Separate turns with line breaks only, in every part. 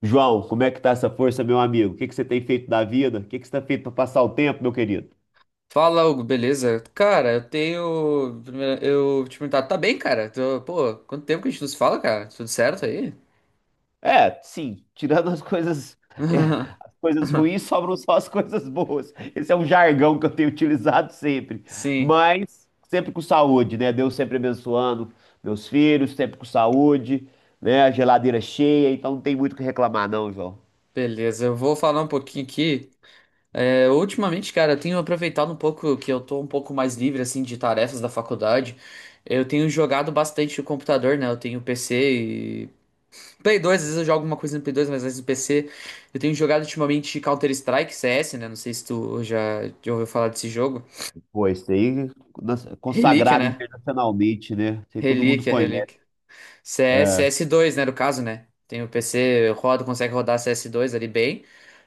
João, como é que tá essa força, meu amigo? O que que você tem feito da vida? O que que você tem feito para passar o tempo, meu querido?
Fala, Hugo, beleza? Cara, Eu te perguntar, tá bem, cara? Pô, quanto tempo que a gente nos fala, cara? Tudo certo aí?
É, sim, tirando as coisas, é, as coisas ruins, sobram só as coisas boas. Esse é um jargão que eu tenho utilizado sempre,
Sim,
mas sempre com saúde, né? Deus sempre abençoando meus filhos, sempre com saúde, né? A geladeira cheia, então não tem muito o que reclamar, não, João.
beleza. Eu vou falar um pouquinho aqui. É, ultimamente, cara, eu tenho aproveitado um pouco que eu tô um pouco mais livre, assim, de tarefas da faculdade. Eu tenho jogado bastante o computador, né? Eu tenho PC e. Play 2, às vezes eu jogo alguma coisa no Play 2, mas às vezes no PC. Eu tenho jogado ultimamente Counter-Strike, CS, né? Não sei se tu já ouviu falar desse jogo.
Pô, esse aí
Relíquia,
consagrado
né?
internacionalmente, né? Isso aí todo mundo
Relíquia,
conhece.
relíquia. CS,
É.
cs dois, né, no caso, né? Tem o PC, eu rodo, consegue rodar cs dois ali bem.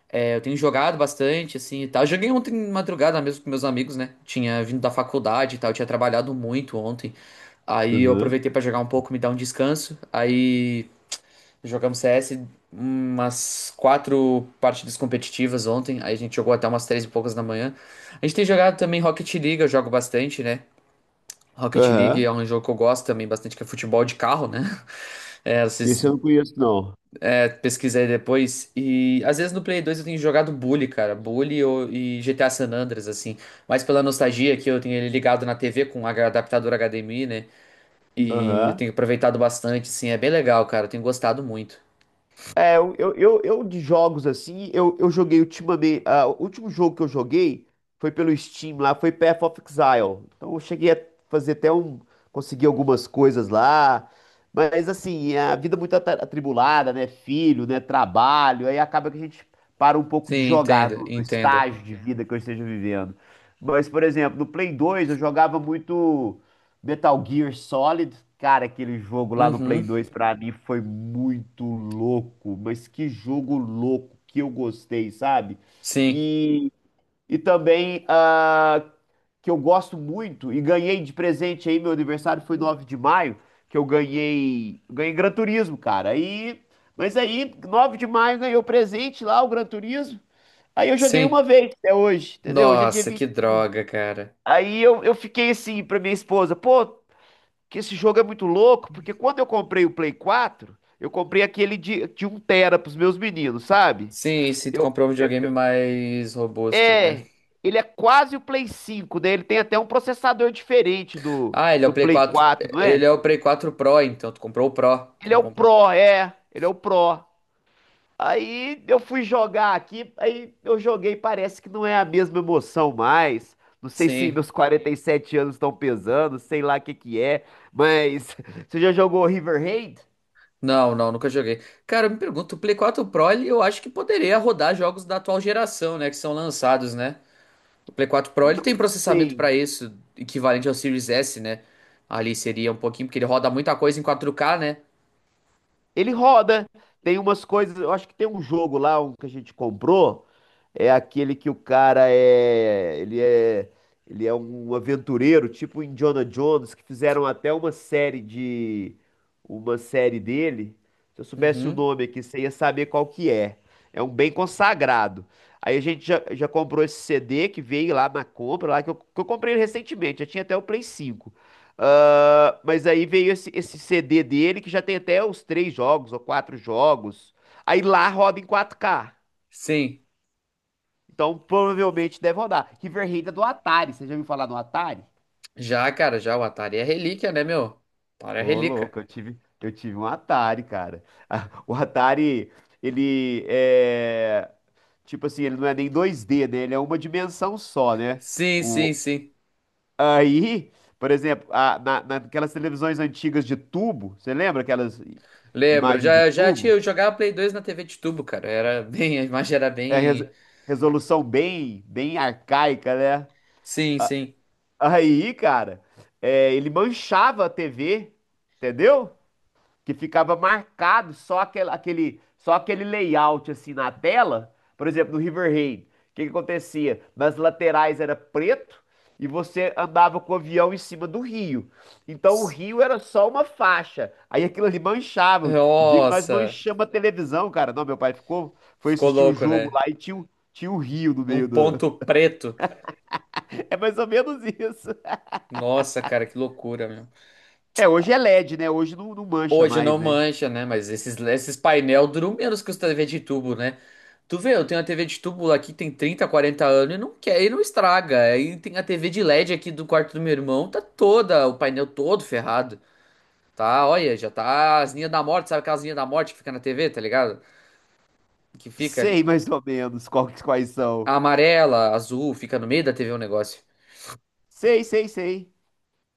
É, eu tenho jogado bastante, assim, e tal. Joguei ontem de madrugada mesmo com meus amigos, né? Tinha vindo da faculdade e tal, eu tinha trabalhado muito ontem. Aí eu
Uhum.
aproveitei pra jogar um pouco, me dar um descanso. Aí jogamos CS umas 4 partidas competitivas ontem. Aí a gente jogou até umas três e poucas da manhã. A gente tem jogado também Rocket League, eu jogo bastante, né? Rocket League
Aham.
é um jogo que eu gosto também bastante, que é futebol de carro, né? É,
Esse eu não conheço, não.
pesquisem aí depois. E às vezes no Play 2 eu tenho jogado Bully, cara. E GTA San Andreas, assim. Mas pela nostalgia que eu tenho ele ligado na TV com adaptador HDMI, né? E eu
Aham.
tenho aproveitado bastante, assim. É bem legal, cara. Eu tenho gostado muito.
É, eu de jogos assim, eu joguei ultimamente, o último jogo que eu joguei foi pelo Steam lá, foi Path of Exile. Então eu cheguei a fazer até um. Consegui algumas coisas lá. Mas assim, é a vida muito atribulada, né? Filho, né? Trabalho. Aí acaba que a gente para um pouco de
Sim,
jogar
entenda,
do
entenda.
estágio de vida que eu esteja vivendo. Mas, por exemplo, no Play 2 eu jogava muito. Metal Gear Solid, cara, aquele jogo lá no Play
Uhum.
2 pra mim foi muito louco, mas que jogo louco que eu gostei, sabe?
Sim,
E, e também, que eu gosto muito e ganhei de presente aí, meu aniversário foi 9 de maio, que eu ganhei Gran Turismo, cara. Aí, mas aí 9 de maio ganhei o presente lá, o Gran Turismo. Aí eu joguei
sim.
uma vez até hoje, entendeu? Hoje é dia
Nossa,
20.
que droga, cara.
Aí eu fiquei assim pra minha esposa, pô, que esse jogo é muito louco, porque quando eu comprei o Play 4, eu comprei aquele de 1 tera pros meus meninos, sabe?
Sim, se tu
Eu,
comprar um videogame mais robusto, né?
é, ele é quase o Play 5, né? Ele tem até um processador diferente do,
Ah, ele é o
do
Play
Play
4.
4, não
Ele
é?
é o Play 4 Pro, então. Tu comprou o Pro. Tu
Ele é
não
o
comprou.
Pro, é, ele é o Pro. Aí eu fui jogar aqui, aí eu joguei, parece que não é a mesma emoção mais. Não sei se
Sim.
meus 47 anos estão pesando, sei lá o que que é, mas você já jogou Riverhead?
Não, não, nunca joguei. Cara, eu me pergunto, o Play 4 Pro, ele, eu acho que poderia rodar jogos da atual geração, né? Que são lançados, né? O Play 4 Pro, ele
Não
tem processamento
sei.
pra isso, equivalente ao Series S, né? Ali seria um pouquinho, porque ele roda muita coisa em 4K, né?
Ele roda. Tem umas coisas. Eu acho que tem um jogo lá, um que a gente comprou, é aquele que o cara é. Ele é. Ele é um aventureiro, tipo o Indiana Jones, que fizeram até uma série de. Uma série dele. Se eu soubesse o
Uhum.
nome aqui, você ia saber qual que é. É um bem consagrado. Aí a gente já comprou esse CD que veio lá na compra, lá que eu comprei ele recentemente, já tinha até o Play 5. Ah, mas aí veio esse CD dele que já tem até os três jogos ou quatro jogos. Aí lá roda em 4K.
Sim.
Então provavelmente deve rodar. River Raid é do Atari. Você já ouviu falar no Atari?
Já, cara, já o Atari é relíquia, né, meu? Atari é
Ô,
relíquia.
louco, eu tive um Atari, cara. O Atari, ele é. Tipo assim, ele não é nem 2D, né? Ele é uma dimensão só, né?
Sim, sim,
O...
sim.
Aí, por exemplo, naquelas televisões antigas de tubo, você lembra aquelas
Lembro,
imagens de tubo?
eu jogava Play 2 na TV de tubo, cara. Era bem, a imagem era
É
bem.
resolução bem, bem arcaica, né?
Sim, sim.
Aí, cara, é, ele manchava a TV, entendeu? Que ficava marcado só só aquele layout assim na tela. Por exemplo, no Riverhead, o que que acontecia? Nas laterais era preto e você andava com o avião em cima do rio. Então o
S-
rio era só uma faixa. Aí aquilo ali manchava. O dia que nós
Nossa,
manchamos a televisão, cara, não, meu pai ficou, foi
ficou
assistir o
louco,
jogo
né?
lá e tinha o rio no
Um
meio do.
ponto preto.
É mais ou menos isso.
Nossa, cara, que loucura, meu.
É, hoje é LED, né? Hoje não, não mancha
Hoje não
mais, né?
mancha, né? Mas esses painel duram menos que os TV de tubo, né? Tu vê, eu tenho a TV de tubo aqui, tem 30, 40 anos e não quer, e não estraga. Aí tem a TV de LED aqui do quarto do meu irmão, tá toda, o painel todo ferrado. Tá, olha, já tá as linhas da morte, sabe aquelas linhas da morte que fica na TV, tá ligado? Que fica ali.
Sei mais ou menos quais
A
são.
amarela, azul, fica no meio da TV o negócio.
Sei, sei, sei.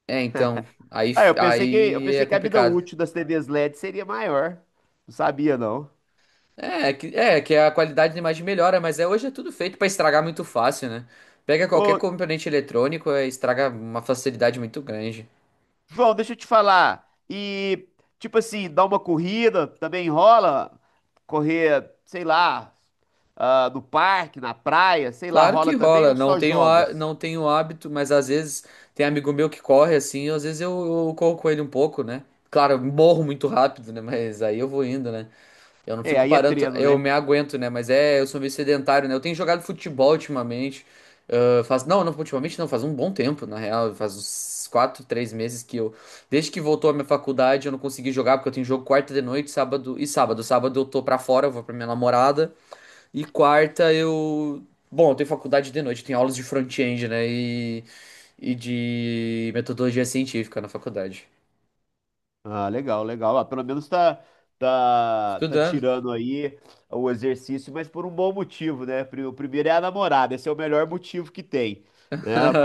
É, então, aí,
Ah, eu
aí é
pensei que a vida
complicado.
útil das TVs LED seria maior. Não sabia, não.
É, é que a qualidade da imagem melhora, mas é, hoje é tudo feito pra estragar muito fácil, né? Pega qualquer
Ô,
componente eletrônico, é, estraga uma facilidade muito grande.
João, deixa eu te falar. E, tipo assim, dar uma corrida também rola? Correr, sei lá, ah, no parque, na praia, sei lá,
Claro que
rola também
rola,
ou só jogas?
não tenho hábito, mas às vezes tem amigo meu que corre assim, eu corro com ele um pouco, né? Claro, eu morro muito rápido, né? Mas aí eu vou indo, né? Eu não
É,
fico
aí é
parando,
treino,
eu
né?
me aguento, né? Mas é, eu sou meio sedentário, né? Eu tenho jogado futebol ultimamente. Ah, faz, não, não, ultimamente não, faz um bom tempo, na real. Faz uns 4, 3 meses que eu. Desde que voltou a minha faculdade, eu não consegui jogar, porque eu tenho jogo quarta de noite, sábado e sábado. Sábado eu tô pra fora, eu vou pra minha namorada. E quarta eu. Bom, eu tenho faculdade de noite, tenho aulas de front-end, né? E de metodologia científica na faculdade.
Ah, legal, legal. Ah, pelo menos tá
Estudando.
tirando aí o exercício, mas por um bom motivo, né? O primeiro é a namorada, esse é o melhor motivo que tem, né? Ah,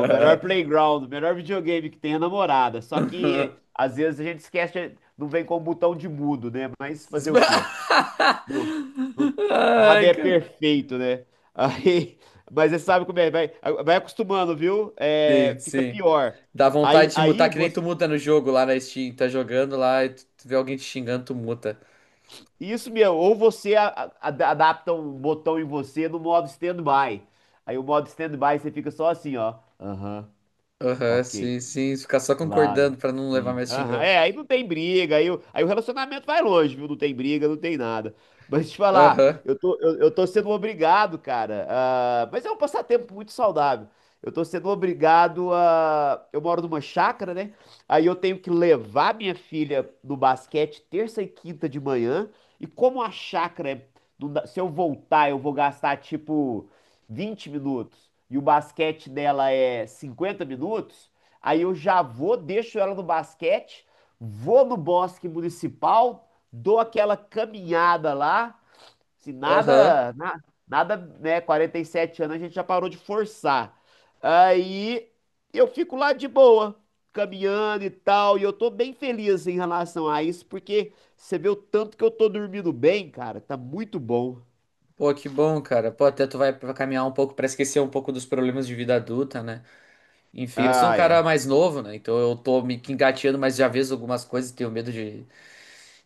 o melhor playground, o melhor videogame que tem é a namorada. Só que às vezes a gente esquece, não vem com o botão de mudo, né? Mas fazer o quê? Não- não- nada
Ai,
é
cara.
perfeito, né? Aí, mas você sabe como é, vai, vai acostumando, viu?
Sim,
É, fica
sim.
pior.
Dá
Aí,
vontade de mutar,
aí
que nem tu
você
muta no jogo lá na Steam. Tá jogando lá e tu vê alguém te xingando, tu muta.
isso mesmo, ou você adapta um botão em você no modo stand-by. Aí o modo stand-by você fica só assim, ó. Aham,
Aham,
ok.
sim, sim. Ficar só
Claro.
concordando pra não levar
Sim.
mais
Aham.
xingão.
É, aí não tem briga, aí, o- aí o relacionamento vai longe, viu? Não tem briga, não tem nada. Mas te falar,
Aham,
eu tô sendo obrigado, cara, mas é um passatempo muito saudável. Eu tô sendo obrigado a. Eu moro numa chácara, né? Aí eu tenho que levar minha filha no basquete terça e quinta de manhã. E como a chácara é. Se eu voltar, eu vou gastar tipo 20 minutos. E o basquete dela é 50 minutos. Aí eu já vou, deixo ela no basquete, vou no bosque municipal, dou aquela caminhada lá. Se
aham.
nada, na- Nada, né? 47 anos a gente já parou de forçar. Aí eu fico lá de boa, caminhando e tal, e eu tô bem feliz em relação a isso, porque você vê o tanto que eu tô dormindo bem, cara, tá muito bom.
Pô, que bom, cara. Pô, até tu vai caminhar um pouco pra esquecer um pouco dos problemas de vida adulta, né? Enfim, eu sou um
Ah,
cara
é.
mais novo, né? Então eu tô me engateando, mas já vejo algumas coisas e tenho medo de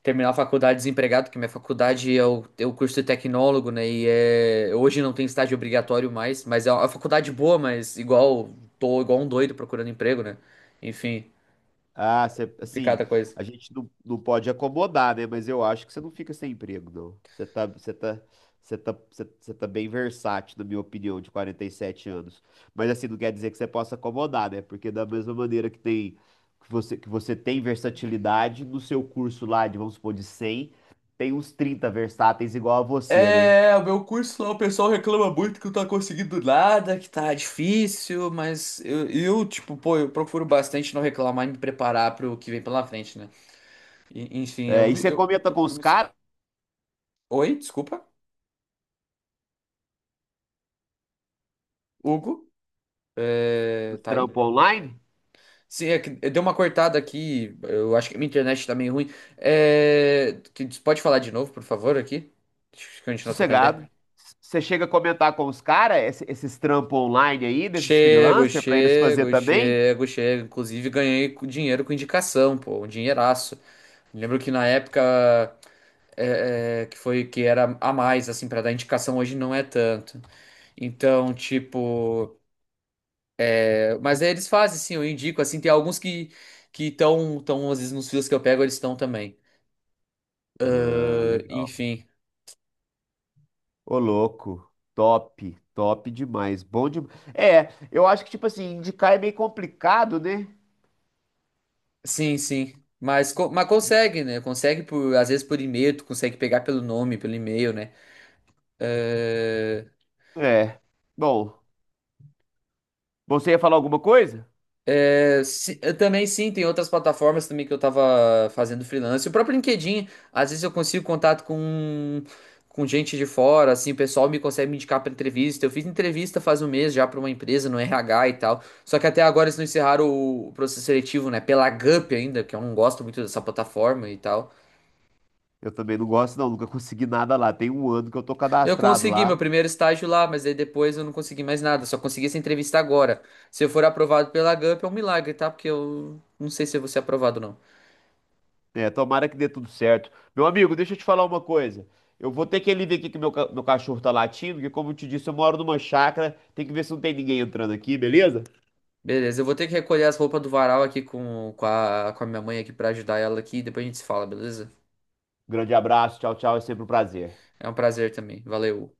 terminar a faculdade desempregado, que minha faculdade é é o curso de tecnólogo, né? E é, hoje não tem estágio obrigatório mais, mas é uma faculdade boa, mas igual, tô igual um doido procurando emprego, né? Enfim,
Assim,
complicada a coisa.
a gente não, não pode acomodar, né? Mas eu acho que você não fica sem emprego, não. Você você tá bem versátil, na minha opinião, de 47 anos. Mas assim, não quer dizer que você possa acomodar, né? Porque da mesma maneira que tem, que você tem versatilidade, no seu curso lá de, vamos supor, de 100, tem uns 30 versáteis igual a você, né?
É, o meu curso lá, o pessoal reclama muito que não tá conseguindo nada, que tá difícil, mas tipo, pô, eu procuro bastante não reclamar e me preparar pro que vem pela frente, né?
É, e você
Eu
comenta com
procuro
os
me...
caras
Oi, desculpa, Hugo, é,
do
tá aí?
trampo online?
Sim, é que deu uma cortada aqui. Eu acho que minha internet tá meio ruim. Pode falar de novo, por favor, aqui? Deixa eu continuar trocando ideia.
Sossegado. Você chega a comentar com os caras esses trampos online aí, desses
Chego,
freelancers, pra eles fazer
chego,
também?
chego, chego. Inclusive, ganhei dinheiro com indicação, pô, um dinheiraço. Lembro que na época que foi que era a mais, assim, pra dar indicação, hoje não é tanto. Então, tipo. Mas aí eles fazem, sim, eu indico, assim, tem alguns que. Que estão, às vezes, nos fios que eu pego, eles estão também.
Ah,
Ah,
legal.
enfim.
Ô, louco. Top, top demais. Bom demais. É, eu acho que, tipo assim, indicar é meio complicado, né?
Sim, sim. Mas, mas consegue, né? Consegue por, às vezes por e-mail, tu consegue pegar pelo nome, pelo e-mail, né? Eh,
É. Bom, você ia falar alguma coisa?
eu também sim, tem outras plataformas também que eu tava fazendo freelance. O próprio LinkedIn, às vezes eu consigo contato com gente de fora, assim, o pessoal me consegue me indicar pra entrevista. Eu fiz entrevista faz 1 mês já pra uma empresa no RH e tal. Só que até agora eles não encerraram o processo seletivo, né? Pela Gup ainda, que eu não gosto muito dessa plataforma e tal.
Eu também não gosto, não. Nunca consegui nada lá. Tem um ano que eu tô
Eu
cadastrado
consegui meu
lá.
primeiro estágio lá, mas aí depois eu não consegui mais nada. Só consegui essa entrevista agora. Se eu for aprovado pela Gump é um milagre, tá? Porque eu não sei se eu vou ser aprovado ou não.
É, tomara que dê tudo certo. Meu amigo, deixa eu te falar uma coisa. Eu vou ter que ali ver aqui que meu, meu cachorro tá latindo, porque como eu te disse, eu moro numa chácara. Tem que ver se não tem ninguém entrando aqui, beleza?
Beleza, eu vou ter que recolher as roupas do varal aqui com, com a minha mãe aqui pra ajudar ela aqui. Depois a gente se fala, beleza?
Grande abraço, tchau, tchau, é sempre um prazer.
É um prazer também. Valeu.